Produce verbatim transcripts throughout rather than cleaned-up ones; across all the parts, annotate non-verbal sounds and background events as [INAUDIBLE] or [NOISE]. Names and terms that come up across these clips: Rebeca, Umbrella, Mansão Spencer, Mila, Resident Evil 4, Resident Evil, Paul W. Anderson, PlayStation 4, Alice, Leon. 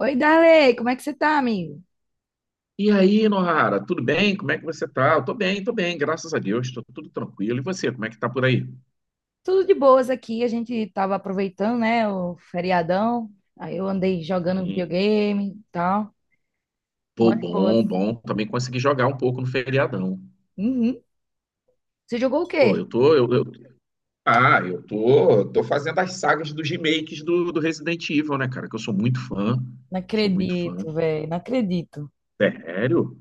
Oi, Darley, como é que você tá, amigo? E aí, Nohara, tudo bem? Como é que você tá? Eu tô bem, tô bem, graças a Deus, tô tudo tranquilo. E você, como é que tá por aí? Tudo de boas aqui. A gente tava aproveitando, né, o feriadão. Aí eu andei jogando Sim. videogame e tal. Pô, Muito bom, boas. bom. Também consegui jogar um pouco no feriadão. Uhum. Você jogou o Pô, quê? eu tô, eu, eu- ah, Eu tô, tô fazendo as sagas dos remakes do, do Resident Evil, né, cara? Que eu sou muito fã, Não sou muito fã. acredito, velho. Não acredito. Sério?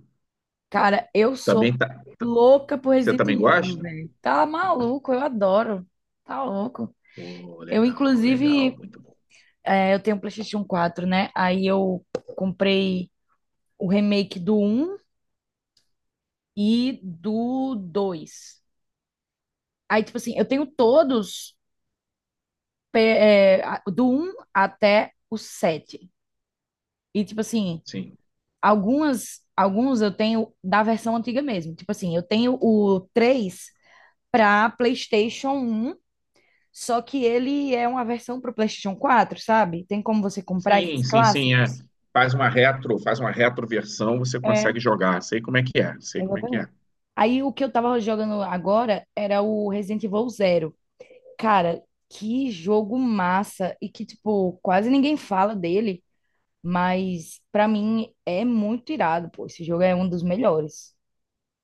Cara, eu sou Também tá, tá, louca por você Resident também Evil, gosta? velho. Tá maluco, eu adoro. Tá louco. Pô, Eu, legal, legal, inclusive, muito bom. é, eu tenho um PlayStation quatro, né? Aí eu comprei o remake do um e do dois. Aí, tipo assim, eu tenho todos pe- é, a- do um até o sete. E, tipo assim, Sim. algumas, alguns eu tenho da versão antiga mesmo. Tipo assim, eu tenho o três para PlayStation um, só que ele é uma versão para o PlayStation quatro, sabe? Tem como você comprar esses Sim, sim, sim, é. clássicos? Faz uma retro, faz uma retroversão, você É, consegue jogar. Sei como é que é, sei como é que exatamente. é. Aí o que eu tava jogando agora era o Resident Evil Zero. Cara, que jogo massa! E que, tipo, quase ninguém fala dele. Mas pra mim é muito irado, pô. Esse jogo é um dos melhores.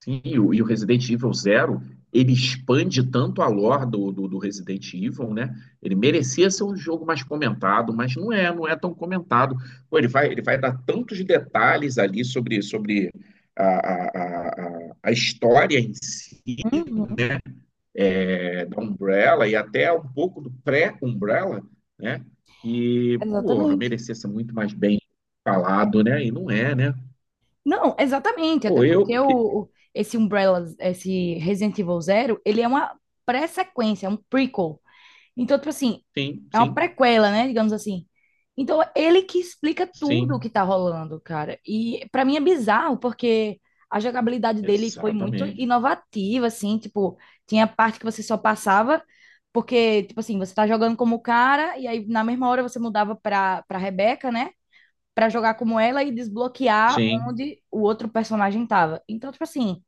Sim, e o, e o Resident Evil Zero ele expande tanto a lore do, do, do Resident Evil, né? Ele merecia ser um jogo mais comentado, mas não é, não é tão comentado. Pô, ele vai, ele vai dar tantos detalhes ali sobre, sobre a, a, a, a a história em si, Uhum, né? É, da Umbrella e até um pouco do pré-Umbrella, né? E porra, exatamente. merecia ser muito mais bem falado, né? E não é, né? Não, exatamente, até Ou porque eu, o, o- esse Umbrella, esse Resident Evil Zero, ele é uma pré-sequência, é um prequel. Então, tipo assim, sim, é uma sim, prequela, né? Digamos assim. Então, ele que explica tudo o que sim, tá rolando, cara. E pra mim é bizarro, porque a jogabilidade dele foi muito exatamente. inovativa, assim, tipo, tinha parte que você só passava, porque, tipo assim, você tá jogando como o cara, e aí na mesma hora você mudava pra, pra Rebeca, né? Pra jogar como ela e desbloquear Sim, onde o outro personagem tava. Então, tipo assim,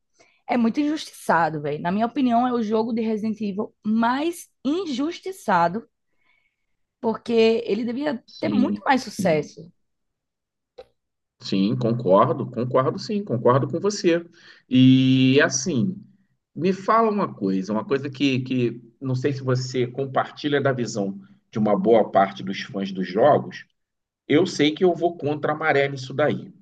é muito injustiçado, velho. Na minha opinião, é o jogo de Resident Evil mais injustiçado porque ele devia ter muito sim, mais sim. sucesso. Sim, concordo, concordo, sim, concordo com você. E assim, me fala uma coisa, uma coisa que, que não sei se você compartilha da visão de uma boa parte dos fãs dos jogos. Eu sei que eu vou contra a maré nisso daí.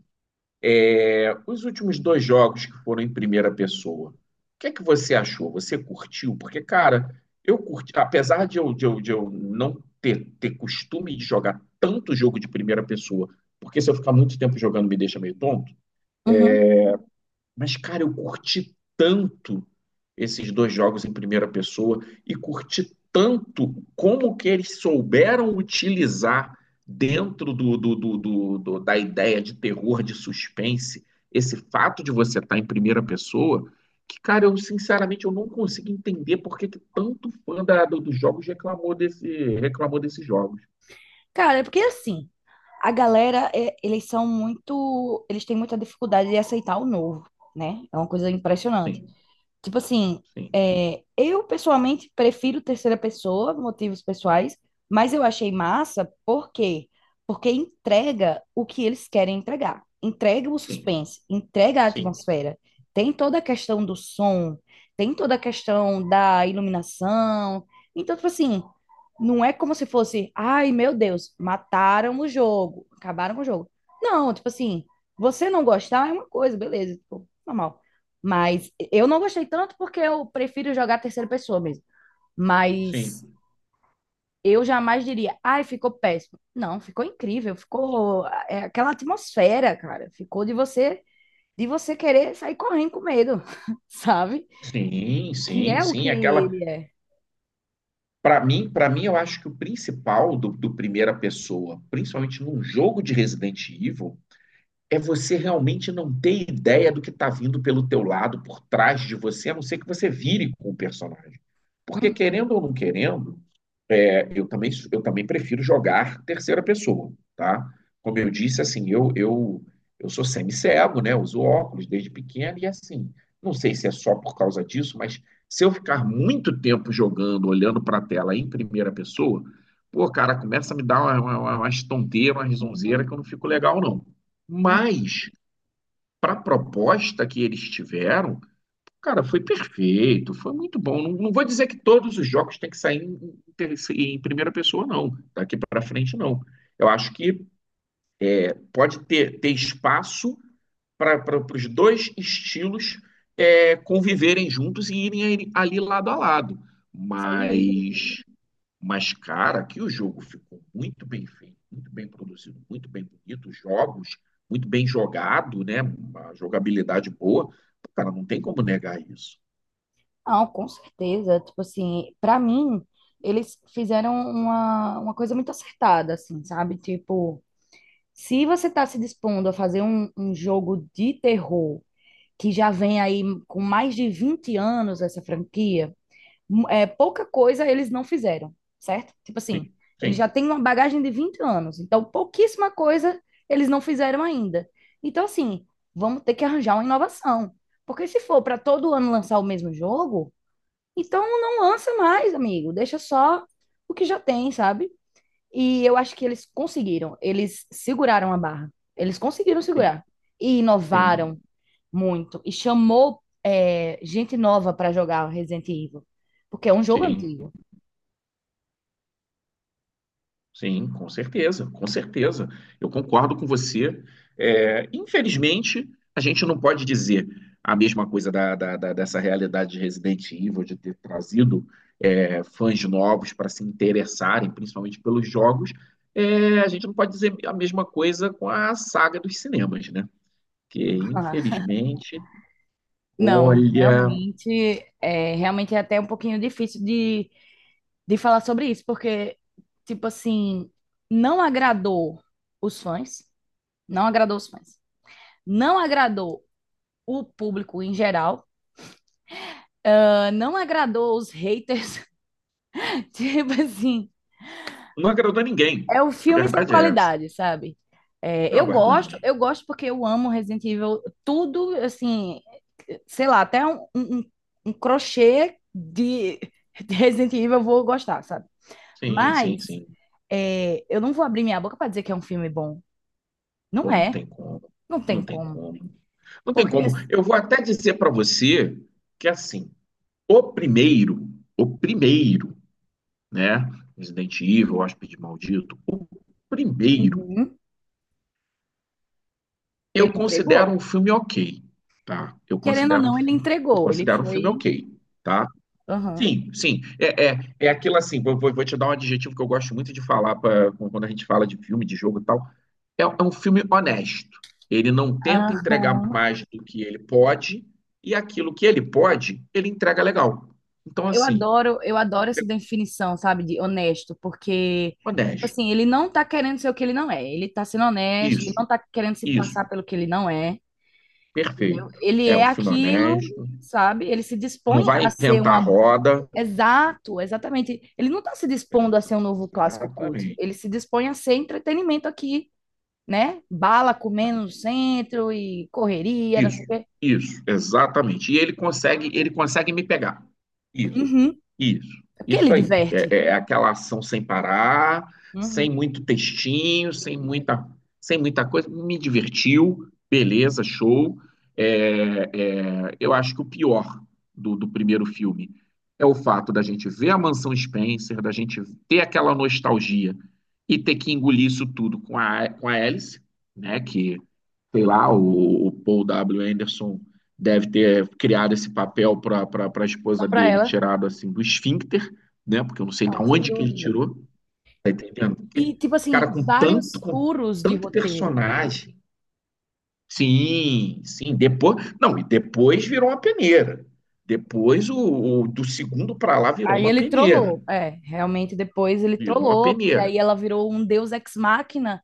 É, os últimos dois jogos que foram em primeira pessoa, o que é que você achou? Você curtiu? Porque, cara, eu curti, apesar de eu, de eu, de eu não ter, ter costume de jogar tanto jogo de primeira pessoa, porque se eu ficar muito tempo jogando me deixa meio tonto, Uhum. mas, cara, eu curti tanto esses dois jogos em primeira pessoa, e curti tanto como que eles souberam utilizar dentro do, do- do- do- do- da ideia de terror, de suspense, esse fato de você estar em primeira pessoa, que, cara, eu sinceramente eu não consigo entender por que que tanto fã da- do- dos jogos reclamou desse, reclamou desses jogos. Cara, é porque assim, a galera, é- eles são muito, eles têm muita dificuldade de aceitar o novo, né? É uma coisa impressionante. Sim, Tipo assim, sim, é, eu pessoalmente prefiro terceira pessoa, motivos pessoais, mas eu achei massa, por quê? Porque entrega o que eles querem entregar. Entrega o sim, suspense, entrega a sim, atmosfera. Tem toda a questão do som, tem toda a questão da iluminação. Então, tipo assim, não é como se fosse, ai meu Deus, mataram o jogo, acabaram com o jogo. Não, tipo assim, você não gostar é uma coisa, beleza, tipo, normal. Mas eu não gostei tanto porque eu prefiro jogar a terceira pessoa mesmo. Mas sim. eu jamais diria, ai, ficou péssimo. Não, ficou incrível, ficou é aquela atmosfera, cara. Ficou de você de você querer sair correndo com medo, [LAUGHS] sabe? Sim, Que sim, é o que sim. Aquela... ele é. Para mim, para mim, eu acho que o principal do, do primeira pessoa, principalmente num jogo de Resident Evil, é você realmente não ter ideia do que está vindo pelo teu lado, por trás de você, a não ser que você vire com o personagem. Porque Hum, querendo ou não querendo, é, eu também, eu também prefiro jogar terceira pessoa, tá? Como eu disse, assim, eu, eu, eu sou semi-cego, né? Uso óculos desde pequeno e assim, não sei se é só por causa disso, mas se eu ficar muito tempo jogando, olhando para a tela em primeira pessoa, pô, cara, começa a me dar uma, uma, uma, umas tonteiras, uma risonzeira Uhum, que eu não fico legal, não. uhum, Mas para a proposta que eles tiveram, cara, foi perfeito, foi muito bom. Não, não vou dizer que todos os jogos têm que sair em, ter- em primeira pessoa, não. Daqui para frente, não. Eu acho que pode ter, ter espaço para os dois estilos, é, conviverem juntos e irem ali ali lado a lado. sem dúvida. Mas, mas, cara, que o jogo ficou muito bem feito, muito bem produzido, muito bem bonito, os jogos, muito bem jogado, né? Uma jogabilidade boa. Cara, não tem como negar isso. Não, com certeza. Tipo assim, pra mim, eles fizeram uma, uma coisa muito acertada, assim, sabe? Tipo, se você está se dispondo a fazer um, um jogo de terror que já vem aí com mais de vinte anos essa franquia, mu- é, pouca coisa eles não fizeram, certo? Tipo assim, Sim, eles já sim. têm uma bagagem de vinte anos, então pouquíssima coisa eles não fizeram ainda. Então, assim, vamos ter que arranjar uma inovação. Porque se for para todo ano lançar o mesmo jogo, então não lança mais, amigo. Deixa só o que já tem, sabe? E eu acho que eles conseguiram, eles seguraram a barra, eles conseguiram Sim, segurar e sim, inovaram muito e chamou é, gente nova para jogar Resident Evil, porque é um jogo sim, antigo. sim, com certeza, com certeza. Eu concordo com você. É, infelizmente, a gente não pode dizer a mesma coisa da, da- da- dessa realidade de Resident Evil, de ter trazido, é, fãs novos para se interessarem, principalmente pelos jogos. É, a gente não pode dizer a mesma coisa com a saga dos cinemas, né? Que [LAUGHS] Ah, infelizmente, não, olha, realmente é, realmente é até um pouquinho difícil de, de falar sobre isso, porque, tipo assim, não agradou os fãs, não agradou os fãs, não agradou o público em geral, ah, não agradou os haters, [LAUGHS] tipo assim, não agradou ninguém. é o A filme sem verdade é essa. qualidade, sabe? É, Não eu aguardou gosto, ninguém. eu gosto porque eu amo Resident Evil, tudo, assim, sei lá, até um, um, um um crochê de, de Resident Evil eu vou gostar, sabe? Sim, sim, Mas sim. é, eu não vou abrir minha boca para dizer que é um filme bom. Não Pô, não é, tem como. não tem Não tem como. como. Não tem Porque como. assim... Eu vou até dizer para você que assim, o primeiro, o primeiro, né, Resident Evil, Hóspede Maldito, o primeiro, Uhum. Ele eu considero entregou. um filme ok, tá? Eu Querendo ou considero um não, ele filme, eu entregou. Ele considero um filme foi. ok, tá? Aham. Sim, sim, é, é, é aquilo assim, vou, vou, vou te dar um adjetivo que eu gosto muito de falar pra, quando a gente fala de filme, de jogo e tal. É, é um filme honesto. Ele não tenta entregar Aham. mais do que ele pode, e aquilo que ele pode, ele entrega legal. Então, Eu assim, adoro, eu adoro essa definição, sabe, de honesto, porque, tipo honesto. assim, ele não tá querendo ser o que ele não é. Ele tá sendo honesto, ele Isso, não tá querendo se isso, passar pelo que ele não é, entendeu? perfeito. Ele É é um filme aquilo, honesto. sabe? Ele se dispõe Não vai a ser inventar uma... roda. Exato, exatamente. Ele não tá se dispondo a ser um novo clássico cult. Exatamente. Ele se dispõe a ser entretenimento aqui, né? Bala comendo no centro e correria, não Isso, sei o quê. isso, exatamente. E ele consegue, ele consegue me pegar. Isso, Uhum. isso, É, porque ele isso aí. diverte. É, é é aquela ação sem parar, sem Uhum. muito textinho, sem muita, sem muita coisa. Me divertiu, beleza, show. É, é, eu acho que o pior do, do primeiro filme é o fato da gente ver a Mansão Spencer, da gente ter aquela nostalgia e ter que engolir isso tudo com a, com a Alice, né? Que sei lá, o, o Paul W. Anderson deve ter criado esse papel para a Só esposa pra dele, ela. tirado assim do esfíncter, né? Porque eu não sei de Não, sem onde que ele dúvida. tirou, tá entendendo? Porque, E, tipo cara, assim, com tanto, vários com furos de tanto roteiro. personagem. Sim, sim, depois. Não, e depois virou uma peneira. Depois o, o do segundo para lá virou Aí uma ele peneira. trollou. É, realmente depois ele Virou uma trollou, porque peneira. aí ela virou um deus ex machina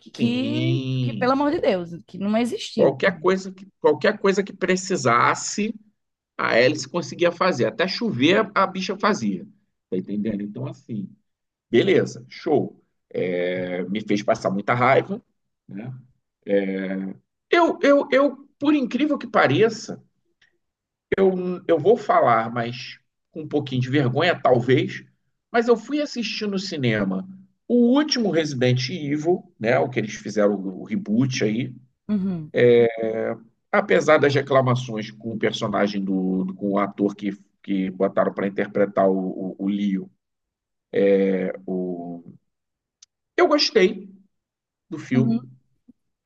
que, que, que, pelo Sim. amor de Deus, que não existiu Qualquer também. coisa que, qualquer coisa que precisasse, a hélice conseguia fazer. Até chover, a bicha fazia. Tá entendendo? Então, assim, beleza, show. É, me fez passar muita raiva, né? Eu, eu, eu, por incrível que pareça, eu vou falar, mas com um pouquinho de vergonha, talvez, mas eu fui assistir no cinema o último Resident Evil, né? O que eles fizeram, o reboot aí. Uhum, É, apesar das reclamações com o personagem do, do- com o ator que, que botaram para interpretar o, o, o Leo. O... eu gostei do uhum, filme,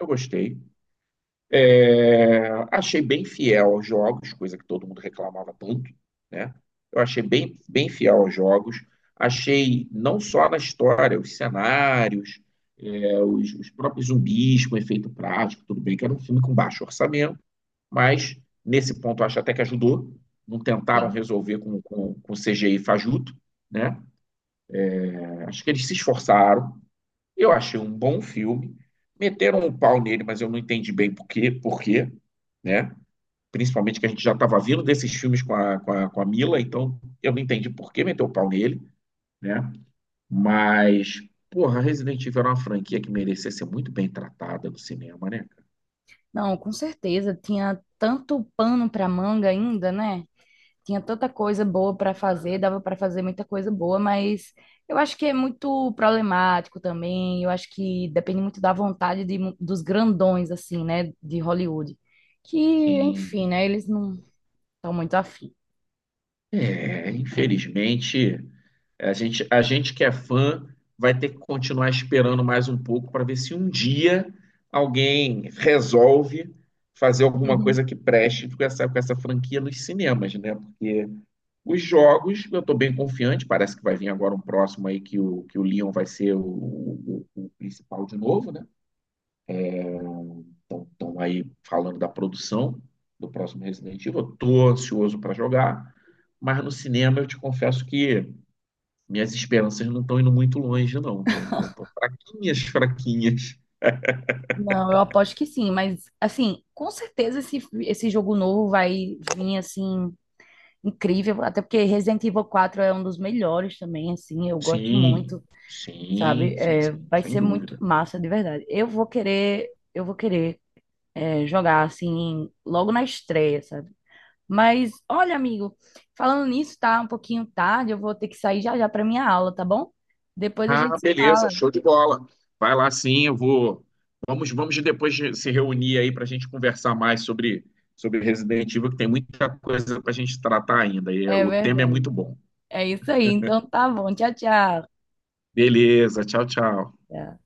eu gostei. É, achei bem fiel aos jogos, coisa que todo mundo reclamava tanto, né? Eu achei bem, bem fiel aos jogos. Achei não só na história, os cenários, é, os, os próprios zumbis com efeito prático, tudo bem que era um filme com baixo orçamento, mas nesse ponto eu acho até que ajudou. Não tentaram sim. resolver com, com, com C G I fajuto, né? É, acho que eles se esforçaram. Eu achei um bom filme. Meteram um pau nele, mas eu não entendi bem por quê, por quê, né? Principalmente que a gente já estava vindo desses filmes com a, com a, com a Mila, então eu não entendi por que meteu o pau nele, né? Mas porra, Resident Evil era uma franquia que merecia ser muito bem tratada no cinema, né? Não, com certeza. Tinha tanto pano pra manga ainda, né? Tinha tanta coisa boa para fazer, dava para fazer muita coisa boa, mas eu acho que é muito problemático também. Eu acho que depende muito da vontade de mu- dos grandões, assim, né, de Hollywood. Que, enfim, Sim. né, eles não estão muito afim. É, infelizmente, A gente, a gente que é fã vai ter que continuar esperando mais um pouco para ver se um dia alguém resolve fazer alguma coisa que [LAUGHS] preste com essa, com essa franquia nos cinemas, né? Porque os jogos, eu estou bem confiante, parece que vai vir agora um próximo aí que o, que o Leon vai ser o, o- o principal de novo, né? Então, estão aí falando da produção do próximo Resident Evil. Eu tô ansioso para jogar, mas no cinema eu te confesso que minhas esperanças não estão indo muito longe, não. Estão tão, tão fraquinhas, fraquinhas. Não, eu aposto que sim, mas, assim, com certeza esse, esse jogo novo vai vir, assim, incrível. Até porque Resident Evil quatro é um dos melhores também, assim, eu gosto muito. Sim, Sabe? sim, sim, É, sim, vai sem ser muito dúvida. massa, de verdade. Eu vou querer, eu vou querer é, jogar assim logo na estreia, sabe? Mas olha, amigo, falando nisso, tá um pouquinho tarde, eu vou ter que sair já já para minha aula, tá bom? Depois a Ah, gente se beleza, fala. show de bola. Vai lá, sim, eu vou. Vamos, vamos depois de se reunir aí para a gente conversar mais sobre, sobre Resident Evil, que tem muita coisa para a gente tratar ainda. E É o tema é muito verdade. bom. É isso aí. Então tá bom. Tchau, tchau. Beleza, tchau, tchau. Tchau.